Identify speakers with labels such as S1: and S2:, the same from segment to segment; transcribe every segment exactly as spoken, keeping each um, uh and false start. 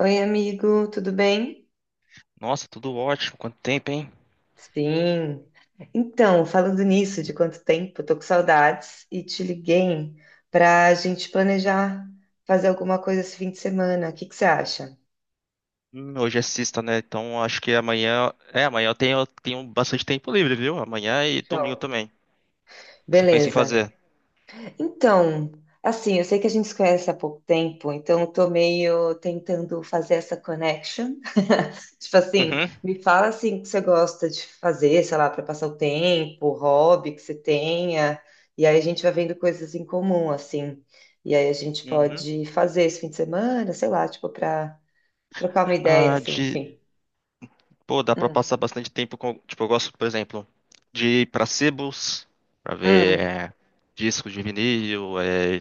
S1: Oi, amigo, tudo bem?
S2: Nossa, tudo ótimo. Quanto tempo, hein?
S1: Sim. Então, falando nisso, de quanto tempo, tô com saudades e te liguei para a gente planejar fazer alguma coisa esse fim de semana. O que que você acha?
S2: Hum, hoje é sexta, né? Então acho que amanhã. É, amanhã eu tenho, eu tenho bastante tempo livre, viu? Amanhã e domingo
S1: Show.
S2: também. O que você pensa em
S1: Beleza.
S2: fazer?
S1: Então, assim, eu sei que a gente se conhece há pouco tempo, então eu tô meio tentando fazer essa connection. Tipo assim,
S2: Uhum.
S1: me fala assim o que você gosta de fazer, sei lá, para passar o tempo, hobby que você tenha, e aí a gente vai vendo coisas em comum, assim. E aí a gente
S2: Uhum.
S1: pode fazer esse fim de semana, sei lá, tipo, para trocar uma ideia,
S2: Ah,
S1: assim,
S2: de.
S1: enfim.
S2: Pô, dá pra
S1: Hum,
S2: passar bastante tempo com. Tipo, eu gosto, por exemplo, de ir pra sebos, pra ver
S1: hum,
S2: é, discos de vinil, é,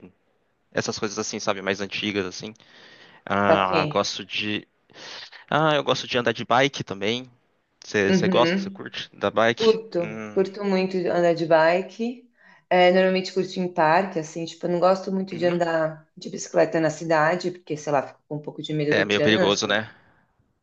S2: essas coisas assim, sabe? Mais antigas, assim.
S1: tá
S2: Ah,
S1: aqui.
S2: gosto de. Ah, eu gosto de andar de bike também. Você gosta? Você
S1: Uhum.
S2: curte? Da bike?
S1: Curto,
S2: Hum.
S1: curto muito andar de bike. É, normalmente curto em parque, assim, tipo, eu não gosto muito de
S2: Uhum.
S1: andar de bicicleta na cidade, porque, sei lá, fico com um pouco de medo
S2: É
S1: do
S2: meio perigoso,
S1: trânsito.
S2: né?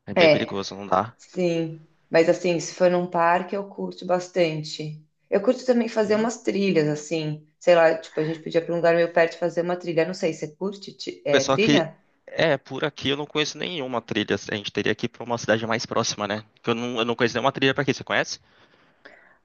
S2: É bem
S1: É,
S2: perigoso, não dá.
S1: Sim, mas assim, se for num parque, eu curto bastante. Eu curto também fazer
S2: Uhum.
S1: umas trilhas, assim, sei lá, tipo, a gente podia ir pra um lugar meio perto e fazer uma trilha. Não sei, você curte, ti- é,
S2: Pessoal que
S1: trilha?
S2: é por aqui, eu não conheço nenhuma trilha, assim. A gente teria que ir pra uma cidade mais próxima, né? Que eu não, eu não conheço nenhuma trilha pra aqui, você conhece?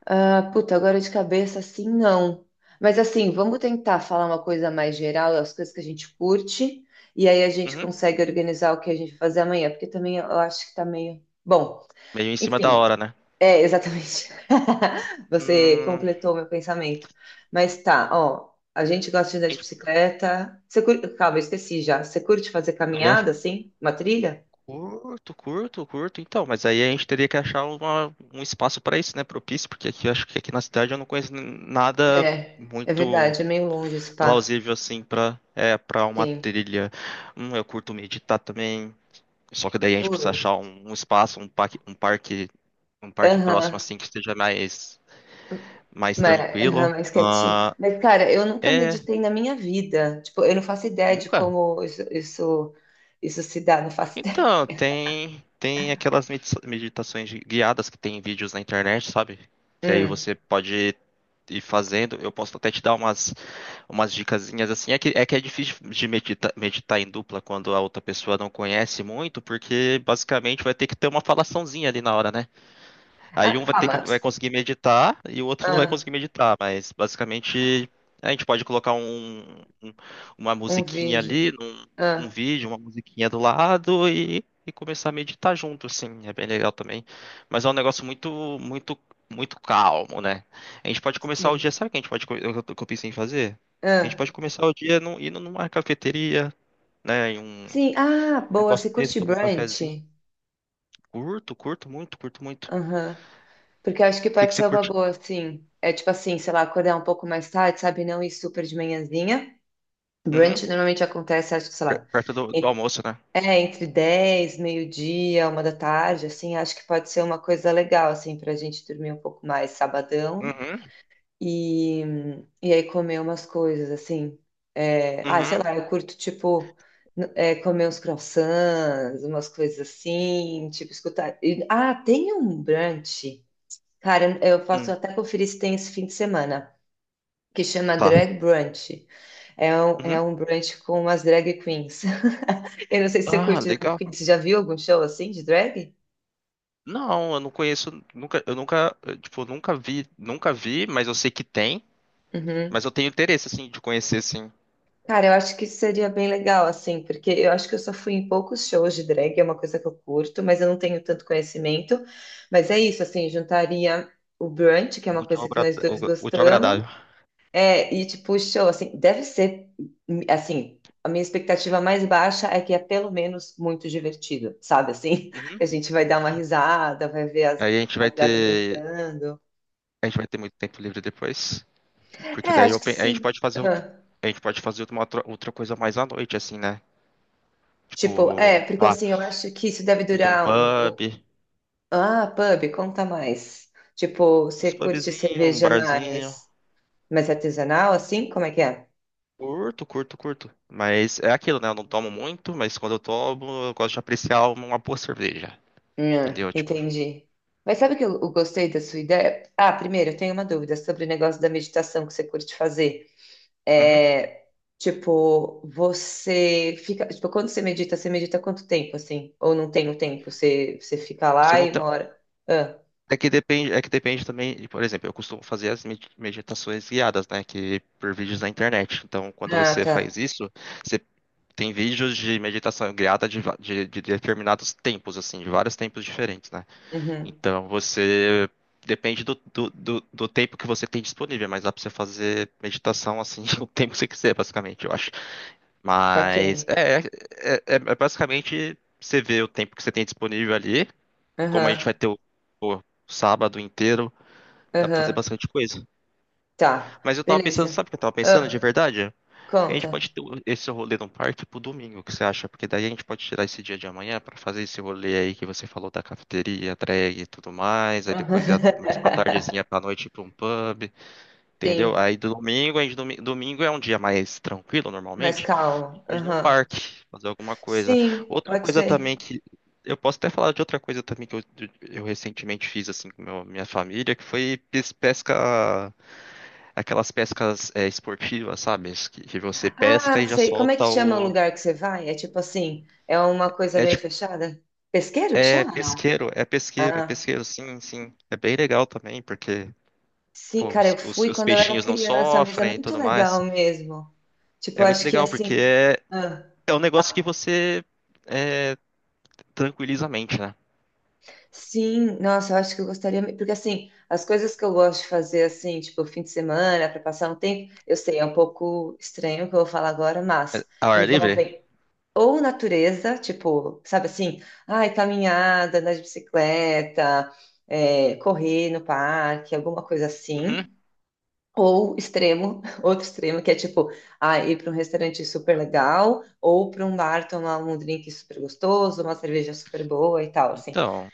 S1: Ah, puta, agora de cabeça, assim, não. Mas assim, vamos tentar falar uma coisa mais geral, as coisas que a gente curte, e aí a gente
S2: Uhum.
S1: consegue organizar o que a gente vai fazer amanhã, porque também eu acho que tá meio. Bom,
S2: Meio em cima da
S1: enfim,
S2: hora, né?
S1: é exatamente.
S2: Hum,
S1: Você
S2: a
S1: completou meu pensamento. Mas tá, ó, a gente gosta de andar de
S2: gente
S1: bicicleta. Você curte... Calma, eu esqueci já. Você curte fazer
S2: poderia-
S1: caminhada, assim? Uma trilha?
S2: curto, curto, curto, então, mas aí a gente teria que achar uma- um espaço pra isso, né? Propício, porque aqui eu acho que aqui na cidade eu não conheço n- nada
S1: É, é
S2: muito
S1: verdade, é meio longe esse pá.
S2: plausível assim pra é para uma
S1: Sim.
S2: trilha. Hum, eu curto meditar também. Só que daí a gente precisa
S1: Ui.
S2: achar um, um espaço, um parque, um parque, um parque próximo
S1: Aham.
S2: assim que esteja mais, mais
S1: Mas, aham,
S2: tranquilo.
S1: mais quietinho.
S2: Ah,
S1: Mas, cara, eu nunca
S2: é,
S1: meditei na minha vida. Tipo, eu não faço ideia de
S2: nunca.
S1: como isso, isso, isso se dá, não faço ideia.
S2: Então, tem tem aquelas medita- meditações de- guiadas que tem vídeos na internet, sabe? Que aí
S1: Hum.
S2: você pode ir fazendo. Eu posso até te dar umas umas dicasinhas assim. É que é que é difícil de medita- meditar em dupla quando a outra pessoa não conhece muito, porque basicamente vai ter que ter uma falaçãozinha ali na hora, né? Aí
S1: Ah,
S2: um vai ter que
S1: calma.
S2: vai conseguir meditar e o outro não vai
S1: Ah,
S2: conseguir meditar, mas basicamente a gente pode colocar um, um- uma
S1: um
S2: musiquinha
S1: vídeo.
S2: ali, um, um
S1: Ah,
S2: vídeo, uma musiquinha do lado e, e começar a meditar junto, assim, é bem legal também. Mas é um negócio muito, muito, muito calmo, né? A gente pode começar o dia,
S1: sim.
S2: sabe o que a gente pode, co- eu, que eu pensei em fazer? A gente
S1: Ah,
S2: pode começar o dia num, indo numa cafeteria, né, em um
S1: sim. Ah,
S2: um
S1: boa.
S2: negócio
S1: Você
S2: desse,
S1: curte
S2: tomar um
S1: brunch?
S2: cafezinho. Curto, curto muito, curto muito. O
S1: Aham. Porque eu acho que
S2: que que
S1: pode
S2: você
S1: ser uma
S2: curte?
S1: boa, sim. É tipo assim, sei lá, acordar um pouco mais tarde, sabe? Não ir super de manhãzinha.
S2: Uhum.
S1: Brunch normalmente acontece, acho que, sei
S2: Per-
S1: lá,
S2: Perto do, do almoço, né?
S1: é, entre dez, meio-dia, uma da tarde, assim, acho que pode ser uma coisa legal, assim, pra gente dormir um pouco mais sabadão
S2: Uhum,
S1: e, e aí comer umas coisas, assim. É, ah, sei
S2: uhum,
S1: lá, eu curto, tipo, n- é, comer uns croissants, umas coisas assim, tipo, escutar. E- ah, tem um brunch, cara, eu eu posso
S2: uhum.
S1: até conferir se tem esse fim de semana, que chama
S2: Tá.
S1: Drag Brunch. É um, é
S2: Uhum.
S1: um brunch com umas drag queens. Eu não sei se você
S2: Ah,
S1: curte drag
S2: legal.
S1: queen, você já viu algum show assim de drag?
S2: Não, eu não conheço, nunca, eu nunca, eh, tipo, nunca vi, nunca vi, mas eu sei que tem,
S1: Uhum.
S2: mas eu tenho interesse, assim, de conhecer, assim,
S1: Cara, eu acho que isso seria bem legal, assim, porque eu acho que eu só fui em poucos shows de drag, é uma coisa que eu curto, mas eu não tenho tanto conhecimento. Mas é isso, assim, juntaria o brunch, que é
S2: o
S1: uma
S2: útil ao
S1: coisa que
S2: agra-
S1: nós
S2: o-
S1: dois
S2: o útil ao
S1: gostamos,
S2: agradável.
S1: é, e tipo, o show, assim, deve ser, assim, a minha expectativa mais baixa é que é pelo menos muito divertido, sabe, assim.
S2: Uhum.
S1: Que a gente vai dar uma risada, vai ver as,
S2: Aí a gente vai
S1: as gatas
S2: ter,
S1: dançando.
S2: a gente vai ter muito tempo livre depois,
S1: É,
S2: porque daí eu
S1: acho que
S2: pe- a gente
S1: sim.
S2: pode fazer, outra-
S1: Ah.
S2: a gente pode fazer uma outra, outra coisa mais à noite, assim, né?
S1: Tipo,
S2: Tipo,
S1: é,
S2: sei
S1: porque
S2: lá,
S1: assim, eu acho que isso deve
S2: ir pra um
S1: durar. o-
S2: pub,
S1: o- Ah, pub, conta mais. Tipo, você
S2: uns
S1: curte
S2: pubzinhos, um
S1: cerveja
S2: barzinho.
S1: mais, mais artesanal, assim? Como é que é?
S2: Curto, curto, curto. Mas é aquilo, né? Eu não tomo muito, mas quando eu tomo, eu gosto de apreciar uma uma boa cerveja.
S1: Hum,
S2: Entendeu? Tipo,
S1: entendi. Mas sabe que eu, eu gostei da sua ideia? Ah, primeiro, eu tenho uma dúvida sobre o negócio da meditação que você curte fazer.
S2: uhum.
S1: É, tipo, você fica. Tipo, quando você medita, você medita quanto tempo, assim? Ou não tem o tempo? Você, você fica
S2: Você
S1: lá
S2: não
S1: e
S2: tem...
S1: mora. Ah,
S2: É que depende, é que depende também, de- por exemplo, eu costumo fazer as med- meditações guiadas, né, que por vídeos na internet. Então, quando
S1: ah,
S2: você
S1: tá.
S2: faz isso, você tem vídeos de meditação guiada de, va- de, de determinados tempos, assim, de vários tempos diferentes, né?
S1: Uhum.
S2: Então, você depende do, do, do, do tempo que você tem disponível, mas dá pra você fazer meditação assim o tempo que você quiser, basicamente. Eu acho.
S1: Tá
S2: Mas
S1: quem?
S2: é, é, é- é basicamente você vê o tempo que você tem disponível ali. Como a gente vai
S1: Aham.
S2: ter o, o sábado inteiro, dá pra fazer
S1: Aham.
S2: bastante coisa.
S1: Tá.
S2: Mas eu tava pensando,
S1: Beleza.
S2: sabe o que eu tava pensando de
S1: Ah,
S2: verdade? Que a gente
S1: conta.
S2: pode ter esse rolê no parque pro domingo, o que você acha? Porque daí a gente pode tirar esse dia de amanhã pra fazer esse rolê aí que você falou da cafeteria, drag e tudo mais. Aí depois ir a- mais pra tardezinha, pra noite, ir pra um pub. Entendeu?
S1: Sim.
S2: Aí do domingo, aí domi- domingo é um dia mais tranquilo
S1: Mas
S2: normalmente. A
S1: calma.
S2: gente pode ir num
S1: Aham.
S2: parque, fazer alguma coisa.
S1: Sim,
S2: Outra
S1: pode
S2: coisa
S1: ser.
S2: também que. Eu posso até falar de outra coisa também que eu, eu recentemente fiz assim com meu- minha família, que foi pes- pesca, aquelas pescas é, esportivas, sabe? Que, que você pesca
S1: Ah,
S2: e já
S1: sei. Como é que
S2: solta
S1: chama o
S2: o.
S1: lugar que você vai? É tipo assim, é uma coisa
S2: É
S1: meio
S2: tipo,
S1: fechada? Pesqueiro que
S2: é
S1: chama, não?
S2: pesqueiro, é pesqueiro, é
S1: Ah,
S2: pesqueiro, sim, sim. É bem legal também, porque
S1: sim,
S2: pô,
S1: cara,
S2: os,
S1: eu
S2: os
S1: fui
S2: os
S1: quando eu era
S2: peixinhos não
S1: criança, mas é
S2: sofrem e
S1: muito
S2: tudo mais.
S1: legal mesmo. Tipo,
S2: É muito
S1: acho que
S2: legal, porque
S1: assim.
S2: é.
S1: Ah,
S2: É um negócio que você é, tranquiliza a mente, né?
S1: sim, nossa, eu acho que eu gostaria, me- porque assim, as coisas que eu gosto de fazer assim, tipo fim de semana, para passar um tempo, eu sei, é um pouco estranho o que eu vou falar agora,
S2: É,
S1: mas
S2: ao ar livre?
S1: envolvem ou natureza, tipo, sabe assim, ai, caminhada, andar de bicicleta, é, correr no parque, alguma coisa
S2: Uhum.
S1: assim, ou extremo, outro extremo, que é tipo, ah, ir para um restaurante super legal, ou para um bar tomar um drink super gostoso, uma cerveja super boa e tal, assim.
S2: Então,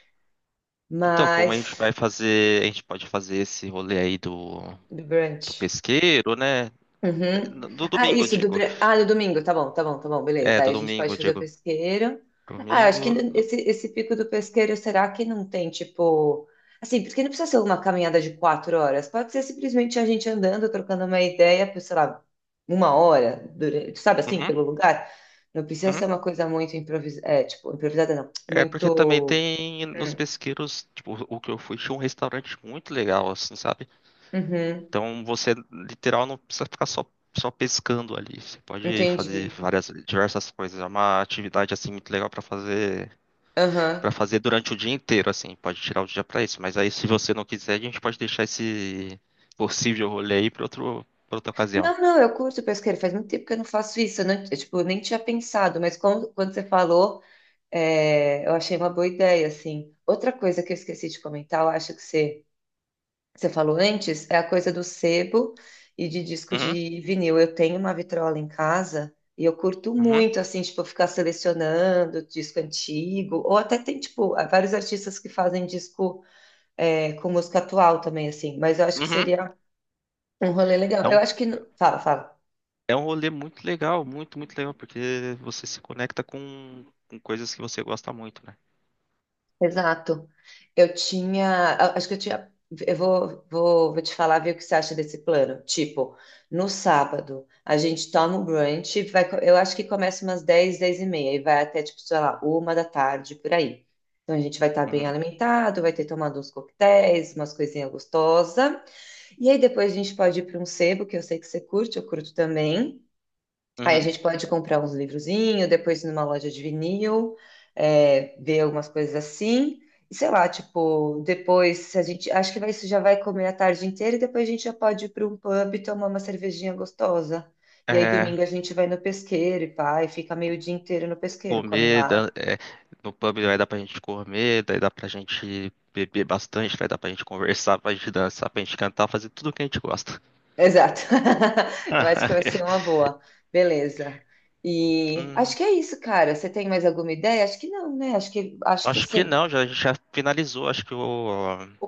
S2: então, como a
S1: Mas
S2: gente vai fazer, a gente pode fazer esse rolê aí do,
S1: do
S2: do
S1: brunch.
S2: pesqueiro, né?
S1: Uhum.
S2: No- Do
S1: Ah,
S2: domingo, eu
S1: isso, do,
S2: digo.
S1: br- ah, no domingo, tá bom, tá bom, tá bom,
S2: É,
S1: beleza. Aí
S2: do
S1: a gente
S2: domingo,
S1: pode
S2: eu
S1: fazer o
S2: digo.
S1: pesqueiro. Ah, eu acho que
S2: Domingo. do-
S1: esse, esse pico do pesqueiro, será que não tem, tipo. Assim, porque não precisa ser uma caminhada de quatro horas, pode ser simplesmente a gente andando, trocando uma ideia por, sei lá, uma hora, durante, sabe assim,
S2: Uhum,
S1: pelo lugar. Não precisa ser
S2: uhum.
S1: uma coisa muito improvisada, é, tipo, improvisada não,
S2: É porque também
S1: muito.
S2: tem nos
S1: Hum.
S2: pesqueiros, tipo, o que eu fui, tinha um restaurante muito legal, assim, sabe?
S1: Uhum,
S2: Então você literal não precisa ficar só, só pescando ali. Você pode fazer
S1: entendi.
S2: várias diversas coisas. É uma atividade assim muito legal para fazer
S1: Aham.
S2: para fazer durante o dia inteiro assim. Pode tirar o dia para isso. Mas aí se você não quiser, a gente pode deixar esse possível rolê aí para outro para outra ocasião.
S1: Não, não, eu curto pesqueiro. Faz muito tempo que eu não faço isso. Eu, não- eu, tipo, nem tinha pensado, mas como- quando você falou, é, eu achei uma boa ideia, assim. Outra coisa que eu esqueci de comentar, eu acho que você, que você falou antes, é a coisa do sebo e de disco
S2: Uhum,
S1: de vinil. Eu tenho uma vitrola em casa e eu curto
S2: uhum,
S1: muito, assim, tipo, ficar selecionando disco antigo. Ou até tem, tipo, vários artistas que fazem disco, é, com música atual também, assim. Mas eu acho que
S2: uhum.
S1: seria um rolê legal.
S2: É
S1: Eu
S2: um,
S1: acho que... no- Fala, fala.
S2: é um rolê muito legal, muito, muito legal, porque você se conecta com, com coisas que você gosta muito, né?
S1: Exato. Eu tinha, a- acho que eu tinha, eu vou, vou, vou te falar, ver o que você acha desse plano. Tipo, no sábado, a gente toma um brunch, vai, co- eu acho que começa umas dez dez e meia, e vai até, tipo, sei lá, uma da tarde, por aí. Então, a gente vai estar bem
S2: Uhum,
S1: alimentado, vai ter tomado uns coquetéis, umas coisinhas gostosas. E aí, depois a gente pode ir para um sebo, que eu sei que você curte, eu curto também. Aí a
S2: uhum.
S1: gente pode comprar uns livrozinhos, depois ir numa loja de vinil, é, ver algumas coisas assim. E sei lá, tipo, depois se a gente. Acho que vai- isso já vai comer a tarde inteira e depois a gente já pode ir para um pub e tomar uma cervejinha gostosa. E aí
S2: É,
S1: domingo a gente vai no pesqueiro e pá, e fica meio dia inteiro no pesqueiro, come
S2: comer, dá-
S1: lá.
S2: é, no pub vai dar pra gente comer, daí dá pra gente beber bastante, vai dar pra gente conversar, pra gente dançar, pra gente cantar, fazer tudo o que a gente gosta.
S1: Exato. Eu acho que vai ser uma boa. Beleza. E acho
S2: Hum,
S1: que é isso, cara. Você tem mais alguma ideia? Acho que não, né? Acho que, acho que
S2: Acho que
S1: assim.
S2: não, já, a gente já finalizou, acho que o,
S1: O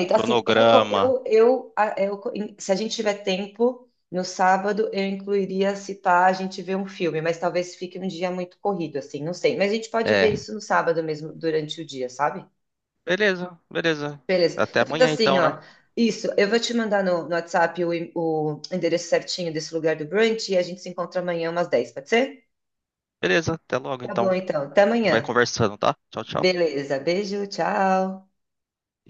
S2: o
S1: Assim, eu, co-
S2: cronograma.
S1: eu, eu, a- eu, co- em- se a gente tiver tempo, no sábado eu incluiria, se pá, a gente ver um filme, mas talvez fique um dia muito corrido, assim, não sei. Mas a gente pode ver
S2: É,
S1: isso no sábado mesmo, durante o dia, sabe?
S2: beleza, beleza.
S1: Beleza.
S2: Até
S1: Tá feito
S2: amanhã
S1: assim,
S2: então, né?
S1: ó. Isso, eu vou te mandar no, no WhatsApp o, e- o endereço certinho desse lugar do brunch e a gente se encontra amanhã umas dez pode ser?
S2: Beleza, até logo
S1: Tá
S2: então. A
S1: bom, então. Até
S2: gente vai
S1: amanhã.
S2: conversando, tá? Tchau, tchau.
S1: Beleza. Beijo, tchau.